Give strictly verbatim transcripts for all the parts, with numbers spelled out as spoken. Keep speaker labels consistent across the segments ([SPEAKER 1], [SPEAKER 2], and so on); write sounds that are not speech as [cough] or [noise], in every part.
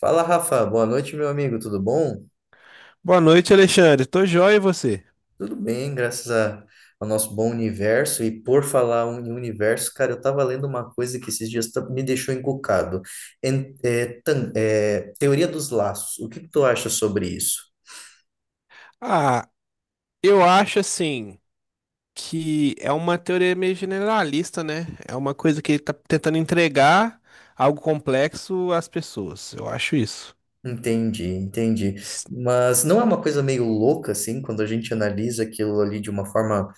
[SPEAKER 1] Fala, Rafa. Boa noite, meu amigo. Tudo bom?
[SPEAKER 2] Boa noite, Alexandre. Tô joia e você?
[SPEAKER 1] Tudo bem, graças a- ao nosso bom universo. E por falar um em universo, cara, eu tava lendo uma coisa que esses dias tá- me deixou encucado. En- é, tan- é, teoria dos laços. O que que tu acha sobre isso?
[SPEAKER 2] Ah, eu acho assim que é uma teoria meio generalista, né? É uma coisa que ele tá tentando entregar algo complexo às pessoas. Eu acho isso.
[SPEAKER 1] Entendi, entendi.
[SPEAKER 2] S-
[SPEAKER 1] Mas não é uma coisa meio louca, assim, quando a gente analisa aquilo ali de uma forma.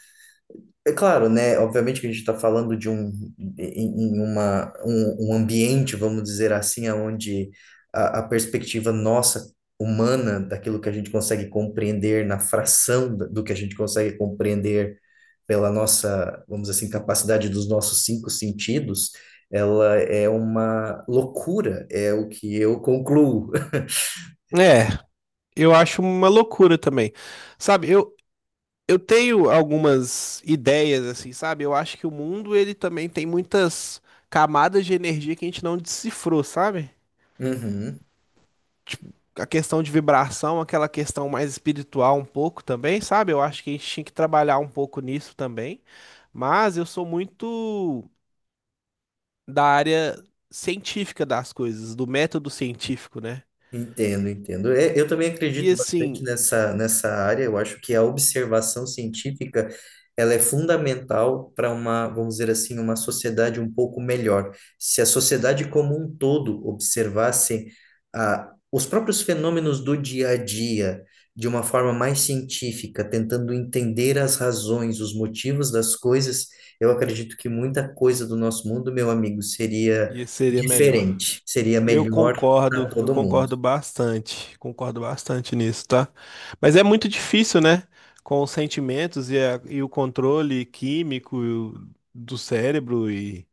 [SPEAKER 1] É claro, né? Obviamente que a gente está falando de um, em em uma, um, um ambiente, vamos dizer assim, onde a, a perspectiva nossa, humana, daquilo que a gente consegue compreender na fração da- do que a gente consegue compreender pela nossa, vamos dizer assim, capacidade dos nossos cinco sentidos, ela é uma loucura, é o que eu concluo. [laughs]
[SPEAKER 2] É, eu acho uma loucura também. Sabe, eu, eu tenho algumas ideias assim, sabe? Eu acho que o mundo ele também tem muitas camadas de energia que a gente não decifrou, sabe?
[SPEAKER 1] Uhum.
[SPEAKER 2] Tipo, a questão de vibração, aquela questão mais espiritual um pouco também, sabe? Eu acho que a gente tinha que trabalhar um pouco nisso também. Mas eu sou muito da área científica das coisas, do método científico, né?
[SPEAKER 1] Entendo, entendo. É, eu também
[SPEAKER 2] E
[SPEAKER 1] acredito
[SPEAKER 2] assim,
[SPEAKER 1] bastante nessa, nessa área. Eu acho que a observação científica ela é fundamental para uma, vamos dizer assim, uma sociedade um pouco melhor. Se a sociedade como um todo observasse ah, os próprios fenômenos do dia a dia de uma forma mais científica, tentando entender as razões, os motivos das coisas, eu acredito que muita coisa do nosso mundo, meu amigo, seria
[SPEAKER 2] e seria melhor.
[SPEAKER 1] diferente, seria
[SPEAKER 2] Eu
[SPEAKER 1] melhor para
[SPEAKER 2] concordo, eu
[SPEAKER 1] todo mundo.
[SPEAKER 2] concordo bastante, concordo bastante nisso, tá? Mas é muito difícil, né? Com os sentimentos e, a- e o controle químico do cérebro e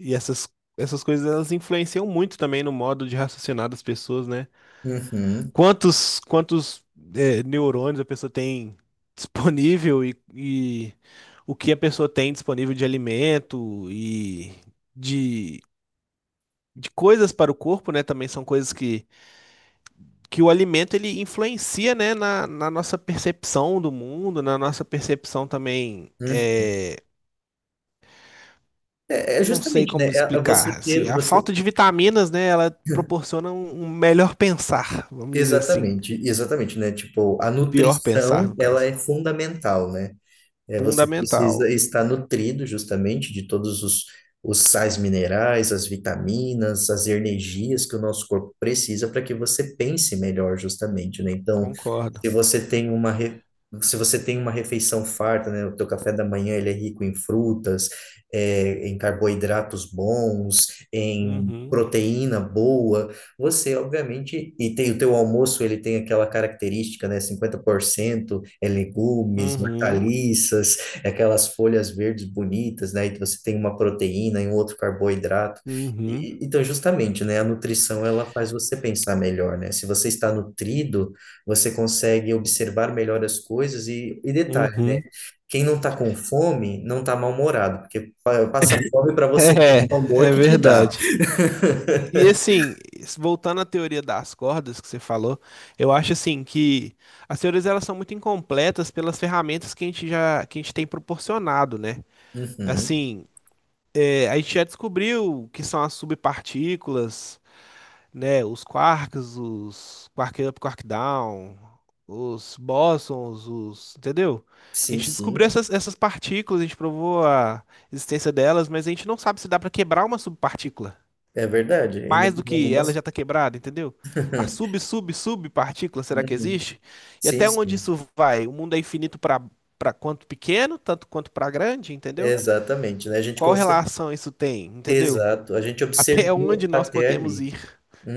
[SPEAKER 2] E essas, essas coisas elas influenciam muito também no modo de raciocinar das pessoas, né?
[SPEAKER 1] Uhum,
[SPEAKER 2] Quantos, quantos é, neurônios a pessoa tem [laughs] disponível e, e o que a pessoa tem disponível de alimento e de, de coisas para o corpo, né? Também são coisas que, que o alimento ele influencia, né? Na, na nossa percepção do mundo, na nossa percepção também.
[SPEAKER 1] uhum.
[SPEAKER 2] É,
[SPEAKER 1] É, é
[SPEAKER 2] não sei
[SPEAKER 1] justamente, né?
[SPEAKER 2] como
[SPEAKER 1] É é você
[SPEAKER 2] explicar.
[SPEAKER 1] ter,
[SPEAKER 2] Assim, a
[SPEAKER 1] você...
[SPEAKER 2] falta de vitaminas, né, ela proporciona um um melhor pensar, vamos dizer assim.
[SPEAKER 1] Exatamente, exatamente, né? Tipo, a
[SPEAKER 2] Pior pensar,
[SPEAKER 1] nutrição,
[SPEAKER 2] no
[SPEAKER 1] ela
[SPEAKER 2] caso.
[SPEAKER 1] é fundamental, né? É, você
[SPEAKER 2] Fundamental,
[SPEAKER 1] precisa estar nutrido justamente de todos os, os sais minerais, as vitaminas, as energias que o nosso corpo precisa para que você pense melhor justamente, né? Então,
[SPEAKER 2] concordo.
[SPEAKER 1] se você tem uma re- se você tem uma refeição farta, né? O teu café da manhã ele é rico em frutas, é, em carboidratos bons, em
[SPEAKER 2] Uhum,
[SPEAKER 1] proteína boa. Você, obviamente, e tem o teu almoço, ele tem aquela característica, né? Cinquenta por cento é legumes,
[SPEAKER 2] uhum,
[SPEAKER 1] hortaliças, é aquelas folhas verdes bonitas, né? E você tem uma proteína e um outro carboidrato.
[SPEAKER 2] uhum,
[SPEAKER 1] E- então, justamente, né? A nutrição, ela faz você pensar melhor, né? Se você está nutrido, você consegue observar melhor as coisas e, e detalhe, né?
[SPEAKER 2] uhum. [laughs]
[SPEAKER 1] Quem não está com fome, não está mal-humorado, porque pa- passa fome para você ver
[SPEAKER 2] É,
[SPEAKER 1] o amor
[SPEAKER 2] é
[SPEAKER 1] que te dá.
[SPEAKER 2] verdade. E assim, voltando à teoria das cordas que você falou, eu acho assim que as teorias elas são muito incompletas pelas ferramentas que a gente já que a gente tem proporcionado, né?
[SPEAKER 1] Uhum.
[SPEAKER 2] Assim, É, a gente já descobriu que são as subpartículas, né? Os quarks, os quark up, quark down, os bósons, os, entendeu? A
[SPEAKER 1] Sim,
[SPEAKER 2] gente descobriu
[SPEAKER 1] sim.
[SPEAKER 2] essas, essas partículas, a gente provou a existência delas, mas a gente não sabe se dá para quebrar uma subpartícula.
[SPEAKER 1] É verdade, ainda
[SPEAKER 2] Mais do
[SPEAKER 1] tem
[SPEAKER 2] que ela já
[SPEAKER 1] algumas.
[SPEAKER 2] está quebrada, entendeu? A
[SPEAKER 1] [laughs]
[SPEAKER 2] sub, sub, subpartícula, será que
[SPEAKER 1] Uhum.
[SPEAKER 2] existe? E
[SPEAKER 1] Sim,
[SPEAKER 2] até onde
[SPEAKER 1] sim.
[SPEAKER 2] isso vai? O mundo é infinito para para quanto pequeno, tanto quanto para grande, entendeu?
[SPEAKER 1] Exatamente, né? A gente
[SPEAKER 2] Qual
[SPEAKER 1] consegue.
[SPEAKER 2] relação isso tem, entendeu?
[SPEAKER 1] Exato, a gente
[SPEAKER 2] Até
[SPEAKER 1] observou
[SPEAKER 2] onde nós
[SPEAKER 1] até
[SPEAKER 2] podemos
[SPEAKER 1] ali.
[SPEAKER 2] ir.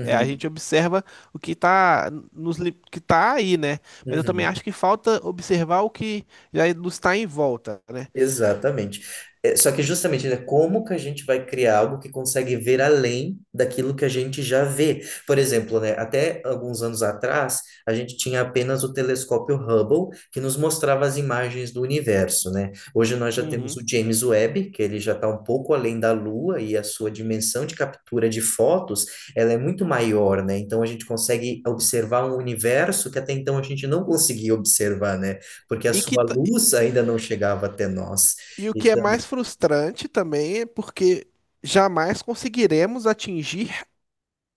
[SPEAKER 2] É, a gente observa o que está nos li- que tá aí, né? Mas eu também
[SPEAKER 1] Uhum.
[SPEAKER 2] acho que falta observar o que já nos está em volta, né?
[SPEAKER 1] Exatamente. É, só que justamente, né, como que a gente vai criar algo que consegue ver além daquilo que a gente já vê? Por exemplo, né, até alguns anos atrás, a gente tinha apenas o telescópio Hubble, que nos mostrava as imagens do universo, né? Hoje nós já temos
[SPEAKER 2] Uhum.
[SPEAKER 1] o James Webb, que ele já está um pouco além da Lua e a sua dimensão de captura de fotos, ela é muito maior, né? Então a gente consegue observar um universo que até então a gente não conseguia observar, né? Porque a
[SPEAKER 2] E que
[SPEAKER 1] sua
[SPEAKER 2] ta-
[SPEAKER 1] luz ainda não chegava até nós.
[SPEAKER 2] e o que é
[SPEAKER 1] Então,
[SPEAKER 2] mais frustrante também é porque jamais conseguiremos atingir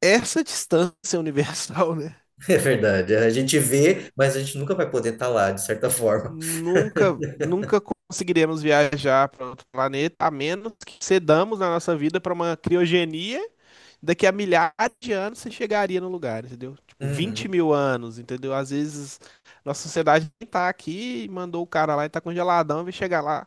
[SPEAKER 2] essa distância universal, né?
[SPEAKER 1] [laughs] é verdade, a gente vê, mas a gente nunca vai poder estar lá, de certa forma.
[SPEAKER 2] Nunca, nunca conseguiremos viajar para outro planeta, a menos que cedamos a nossa vida para uma criogenia. Daqui a milhares de anos você chegaria no lugar, entendeu? Tipo, vinte
[SPEAKER 1] Uhum,
[SPEAKER 2] mil anos, entendeu? Às vezes nossa sociedade nem tá aqui, e mandou o cara lá e tá congeladão, vai chegar lá,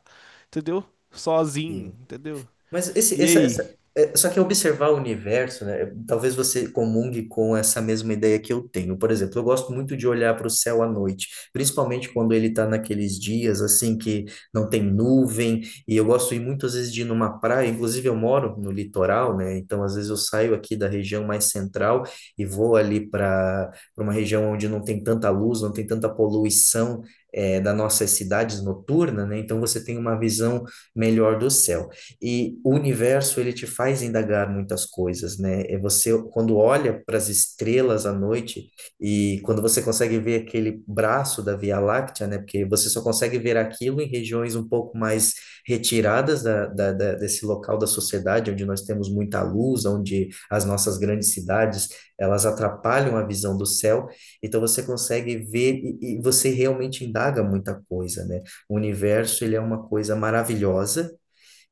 [SPEAKER 2] entendeu? Sozinho,
[SPEAKER 1] sim.
[SPEAKER 2] entendeu?
[SPEAKER 1] Mas esse,
[SPEAKER 2] E
[SPEAKER 1] essa,
[SPEAKER 2] aí?
[SPEAKER 1] essa, é, só que observar o universo, né? Talvez você comungue com essa mesma ideia que eu tenho. Por exemplo, eu gosto muito de olhar para o céu à noite, principalmente quando ele está naqueles dias assim que não tem nuvem. E eu gosto de ir muitas vezes de ir numa praia. Inclusive, eu moro no litoral, né? Então, às vezes eu saio aqui da região mais central e vou ali para para uma região onde não tem tanta luz, não tem tanta poluição. É, das nossas cidades noturnas, né? Então você tem uma visão melhor do céu. E o universo, ele te faz indagar muitas coisas, né? E você, quando olha para as estrelas à noite e quando você consegue ver aquele braço da Via Láctea, né? Porque você só consegue ver aquilo em regiões um pouco mais retiradas da, da, da- desse local da sociedade, onde nós temos muita luz, onde as nossas grandes cidades, elas atrapalham a visão do céu. Então, você consegue ver e, e você realmente indaga muita coisa, né? O universo, ele é uma coisa maravilhosa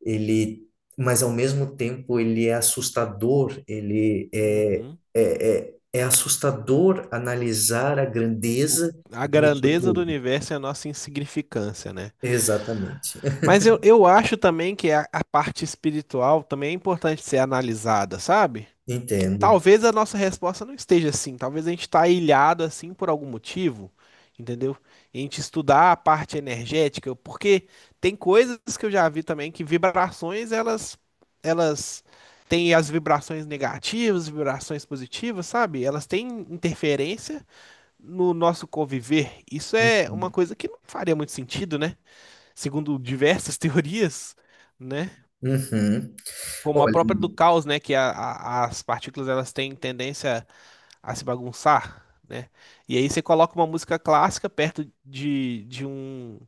[SPEAKER 1] ele, mas ao mesmo tempo ele é assustador, ele é,
[SPEAKER 2] Uhum.
[SPEAKER 1] é, é, é assustador analisar a
[SPEAKER 2] O-
[SPEAKER 1] grandeza
[SPEAKER 2] a
[SPEAKER 1] disso
[SPEAKER 2] grandeza do
[SPEAKER 1] tudo.
[SPEAKER 2] universo é a nossa insignificância, né?
[SPEAKER 1] Exatamente.
[SPEAKER 2] Mas eu, eu acho também que a, a parte espiritual também é importante ser analisada, sabe?
[SPEAKER 1] [laughs]
[SPEAKER 2] Que
[SPEAKER 1] Entendo.
[SPEAKER 2] talvez a nossa resposta não esteja assim, talvez a gente está ilhado assim por algum motivo, entendeu? E a gente estudar a parte energética, porque tem coisas que eu já vi também que vibrações elas elas têm as vibrações negativas, vibrações positivas, sabe? Elas têm interferência no nosso conviver. Isso é uma
[SPEAKER 1] Uhum.
[SPEAKER 2] coisa que não faria muito sentido, né? Segundo diversas [laughs] teorias, né?
[SPEAKER 1] Uhum.
[SPEAKER 2] Como a
[SPEAKER 1] Olha,
[SPEAKER 2] própria do caos, né? Que a- a- as partículas elas têm tendência a se bagunçar, né? E aí você coloca uma música clássica perto de, de um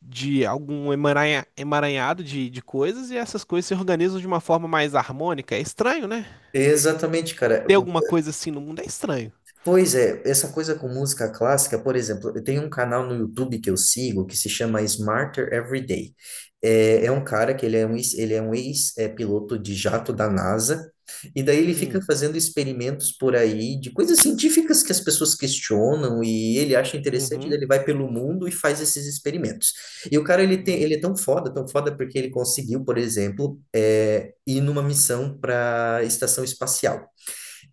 [SPEAKER 2] de algum emaranha- emaranhado de, de coisas e essas coisas se organizam de uma forma mais harmônica. É estranho, né?
[SPEAKER 1] exatamente, cara.
[SPEAKER 2] Ter alguma coisa assim no mundo é estranho.
[SPEAKER 1] Pois é, essa coisa com música clássica, por exemplo, eu tenho um canal no YouTube que eu sigo que se chama Smarter Every Day. É, é um cara que ele é um, ex- ele é um ex-piloto de jato da NASA, e daí ele fica
[SPEAKER 2] Hum,
[SPEAKER 1] fazendo experimentos por aí de coisas científicas que as pessoas questionam e ele acha interessante,
[SPEAKER 2] uhum,
[SPEAKER 1] daí ele vai pelo mundo e faz esses experimentos. E o cara, ele tem,
[SPEAKER 2] hum,
[SPEAKER 1] ele é tão foda, tão foda porque ele conseguiu, por exemplo, é, ir numa missão para a estação espacial.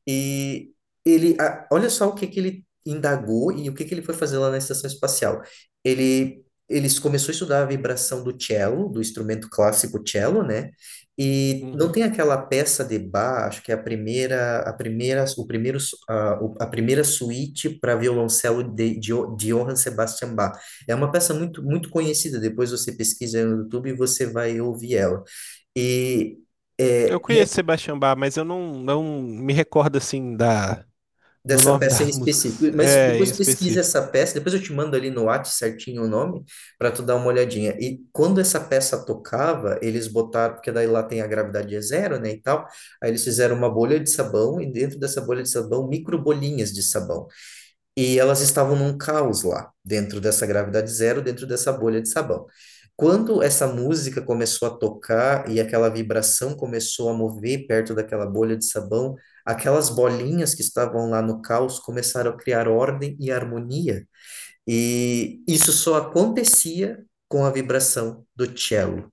[SPEAKER 1] E ele, a- olha só o que que ele indagou e o que que ele foi fazer lá na estação espacial. Ele, eles começou a estudar a vibração do cello, do instrumento clássico cello, né? E não
[SPEAKER 2] uhum.
[SPEAKER 1] tem aquela peça de Bach, acho que é a primeira, a primeira, o primeiro, su- a, o- a primeira suíte para violoncelo de, de, Jo- de Johann Sebastian Bach. É uma peça muito, muito conhecida. Depois você pesquisa no YouTube e você vai ouvir ela. E
[SPEAKER 2] Eu
[SPEAKER 1] é,
[SPEAKER 2] conheço Sebastião Bach, mas eu não, não me recordo assim da, do
[SPEAKER 1] dessa
[SPEAKER 2] nome
[SPEAKER 1] peça em
[SPEAKER 2] das
[SPEAKER 1] específico.
[SPEAKER 2] músicas.
[SPEAKER 1] Mas
[SPEAKER 2] É, em
[SPEAKER 1] depois pesquisa
[SPEAKER 2] específico.
[SPEAKER 1] essa peça, depois eu te mando ali no WhatsApp certinho o nome, para tu dar uma olhadinha. E quando essa peça tocava, eles botaram, porque daí lá tem a gravidade é zero, né, e tal, aí eles fizeram uma bolha de sabão, e dentro dessa bolha de sabão, microbolinhas de sabão. E elas estavam num caos lá, dentro dessa gravidade zero, dentro dessa bolha de sabão. Quando essa música começou a tocar e aquela vibração começou a mover perto daquela bolha de sabão, aquelas bolinhas que estavam lá no caos começaram a criar ordem e harmonia. E isso só acontecia com a vibração do cello.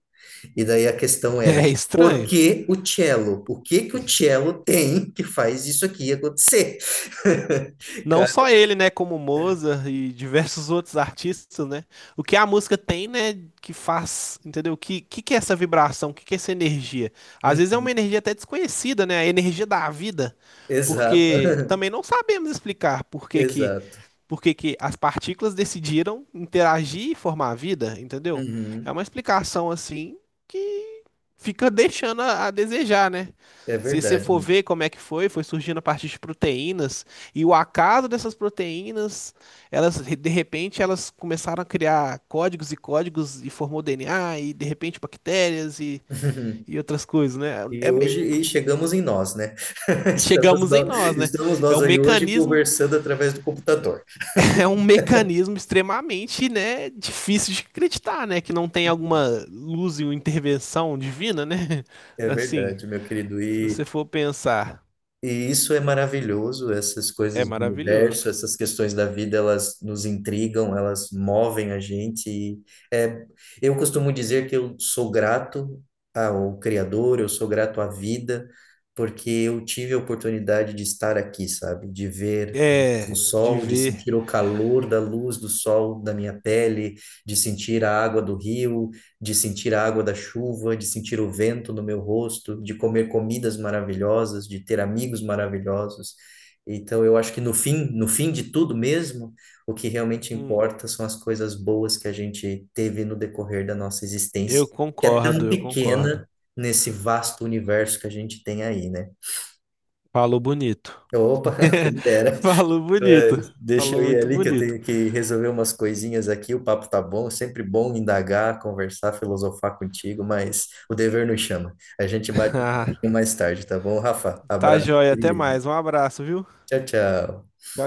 [SPEAKER 1] E daí a questão era,
[SPEAKER 2] É
[SPEAKER 1] por
[SPEAKER 2] estranho.
[SPEAKER 1] que o cello? O que que o cello tem que faz isso aqui acontecer? [laughs]
[SPEAKER 2] Não
[SPEAKER 1] Cara,
[SPEAKER 2] só ele, né, como Mozart e diversos outros artistas, né? O que a música tem, né, que faz, entendeu? O que, que que é essa vibração? O que que é essa energia? Às vezes é
[SPEAKER 1] uhum.
[SPEAKER 2] uma energia até desconhecida, né? A energia da vida,
[SPEAKER 1] Exato,
[SPEAKER 2] porque
[SPEAKER 1] [laughs]
[SPEAKER 2] também não sabemos explicar por que que
[SPEAKER 1] exato.
[SPEAKER 2] porque que as partículas decidiram interagir e formar a vida, entendeu? É
[SPEAKER 1] Uhum.
[SPEAKER 2] uma explicação assim que fica deixando a, a desejar, né?
[SPEAKER 1] É
[SPEAKER 2] Se você
[SPEAKER 1] verdade,
[SPEAKER 2] for
[SPEAKER 1] amigo.
[SPEAKER 2] ver como é que foi, foi surgindo a partir de proteínas e o acaso dessas proteínas, elas de repente elas começaram a criar códigos e códigos e formou D N A e de repente bactérias e,
[SPEAKER 1] [laughs]
[SPEAKER 2] e outras coisas, né?
[SPEAKER 1] E
[SPEAKER 2] É
[SPEAKER 1] hoje
[SPEAKER 2] meio
[SPEAKER 1] e chegamos em nós, né? [laughs] Estamos
[SPEAKER 2] Chegamos em
[SPEAKER 1] nós,
[SPEAKER 2] nós, né?
[SPEAKER 1] estamos
[SPEAKER 2] É
[SPEAKER 1] nós
[SPEAKER 2] o
[SPEAKER 1] aí hoje
[SPEAKER 2] mecanismo
[SPEAKER 1] conversando através do computador.
[SPEAKER 2] É um mecanismo extremamente, né, difícil de acreditar, né, que não tem alguma luz e uma intervenção divina, né? [laughs]
[SPEAKER 1] É
[SPEAKER 2] Assim,
[SPEAKER 1] verdade, meu querido.
[SPEAKER 2] se você for pensar,
[SPEAKER 1] E isso é maravilhoso, essas
[SPEAKER 2] é
[SPEAKER 1] coisas do universo,
[SPEAKER 2] maravilhoso.
[SPEAKER 1] essas questões da vida, elas nos intrigam, elas movem a gente. E é, eu costumo dizer que eu sou grato ao Criador, eu sou grato à vida, porque eu tive a oportunidade de estar aqui, sabe? De ver a luz do
[SPEAKER 2] É, de
[SPEAKER 1] sol, de
[SPEAKER 2] ver.
[SPEAKER 1] sentir o calor da luz do sol da minha pele, de sentir a água do rio, de sentir a água da chuva, de sentir o vento no meu rosto, de comer comidas maravilhosas, de ter amigos maravilhosos. Então, eu acho que no fim, no fim de tudo mesmo, o que realmente
[SPEAKER 2] Hum,
[SPEAKER 1] importa são as coisas boas que a gente teve no decorrer da nossa
[SPEAKER 2] eu
[SPEAKER 1] existência, que é
[SPEAKER 2] concordo,
[SPEAKER 1] tão
[SPEAKER 2] eu concordo.
[SPEAKER 1] pequena nesse vasto universo que a gente tem aí, né?
[SPEAKER 2] Falou bonito.
[SPEAKER 1] Opa, [laughs]
[SPEAKER 2] [laughs]
[SPEAKER 1] quem dera.
[SPEAKER 2] Falou
[SPEAKER 1] É,
[SPEAKER 2] bonito.
[SPEAKER 1] deixa eu
[SPEAKER 2] Falou
[SPEAKER 1] ir
[SPEAKER 2] muito
[SPEAKER 1] ali que eu
[SPEAKER 2] bonito.
[SPEAKER 1] tenho
[SPEAKER 2] [laughs]
[SPEAKER 1] que resolver umas coisinhas aqui. O papo tá bom, sempre bom indagar, conversar, filosofar contigo, mas o dever nos chama. A gente bate um
[SPEAKER 2] Ah,
[SPEAKER 1] pouquinho mais tarde, tá bom, Rafa?
[SPEAKER 2] tá
[SPEAKER 1] Abraço,
[SPEAKER 2] joia, até
[SPEAKER 1] querido.
[SPEAKER 2] mais. Um abraço, viu?
[SPEAKER 1] Tchau, tchau.
[SPEAKER 2] Tchau.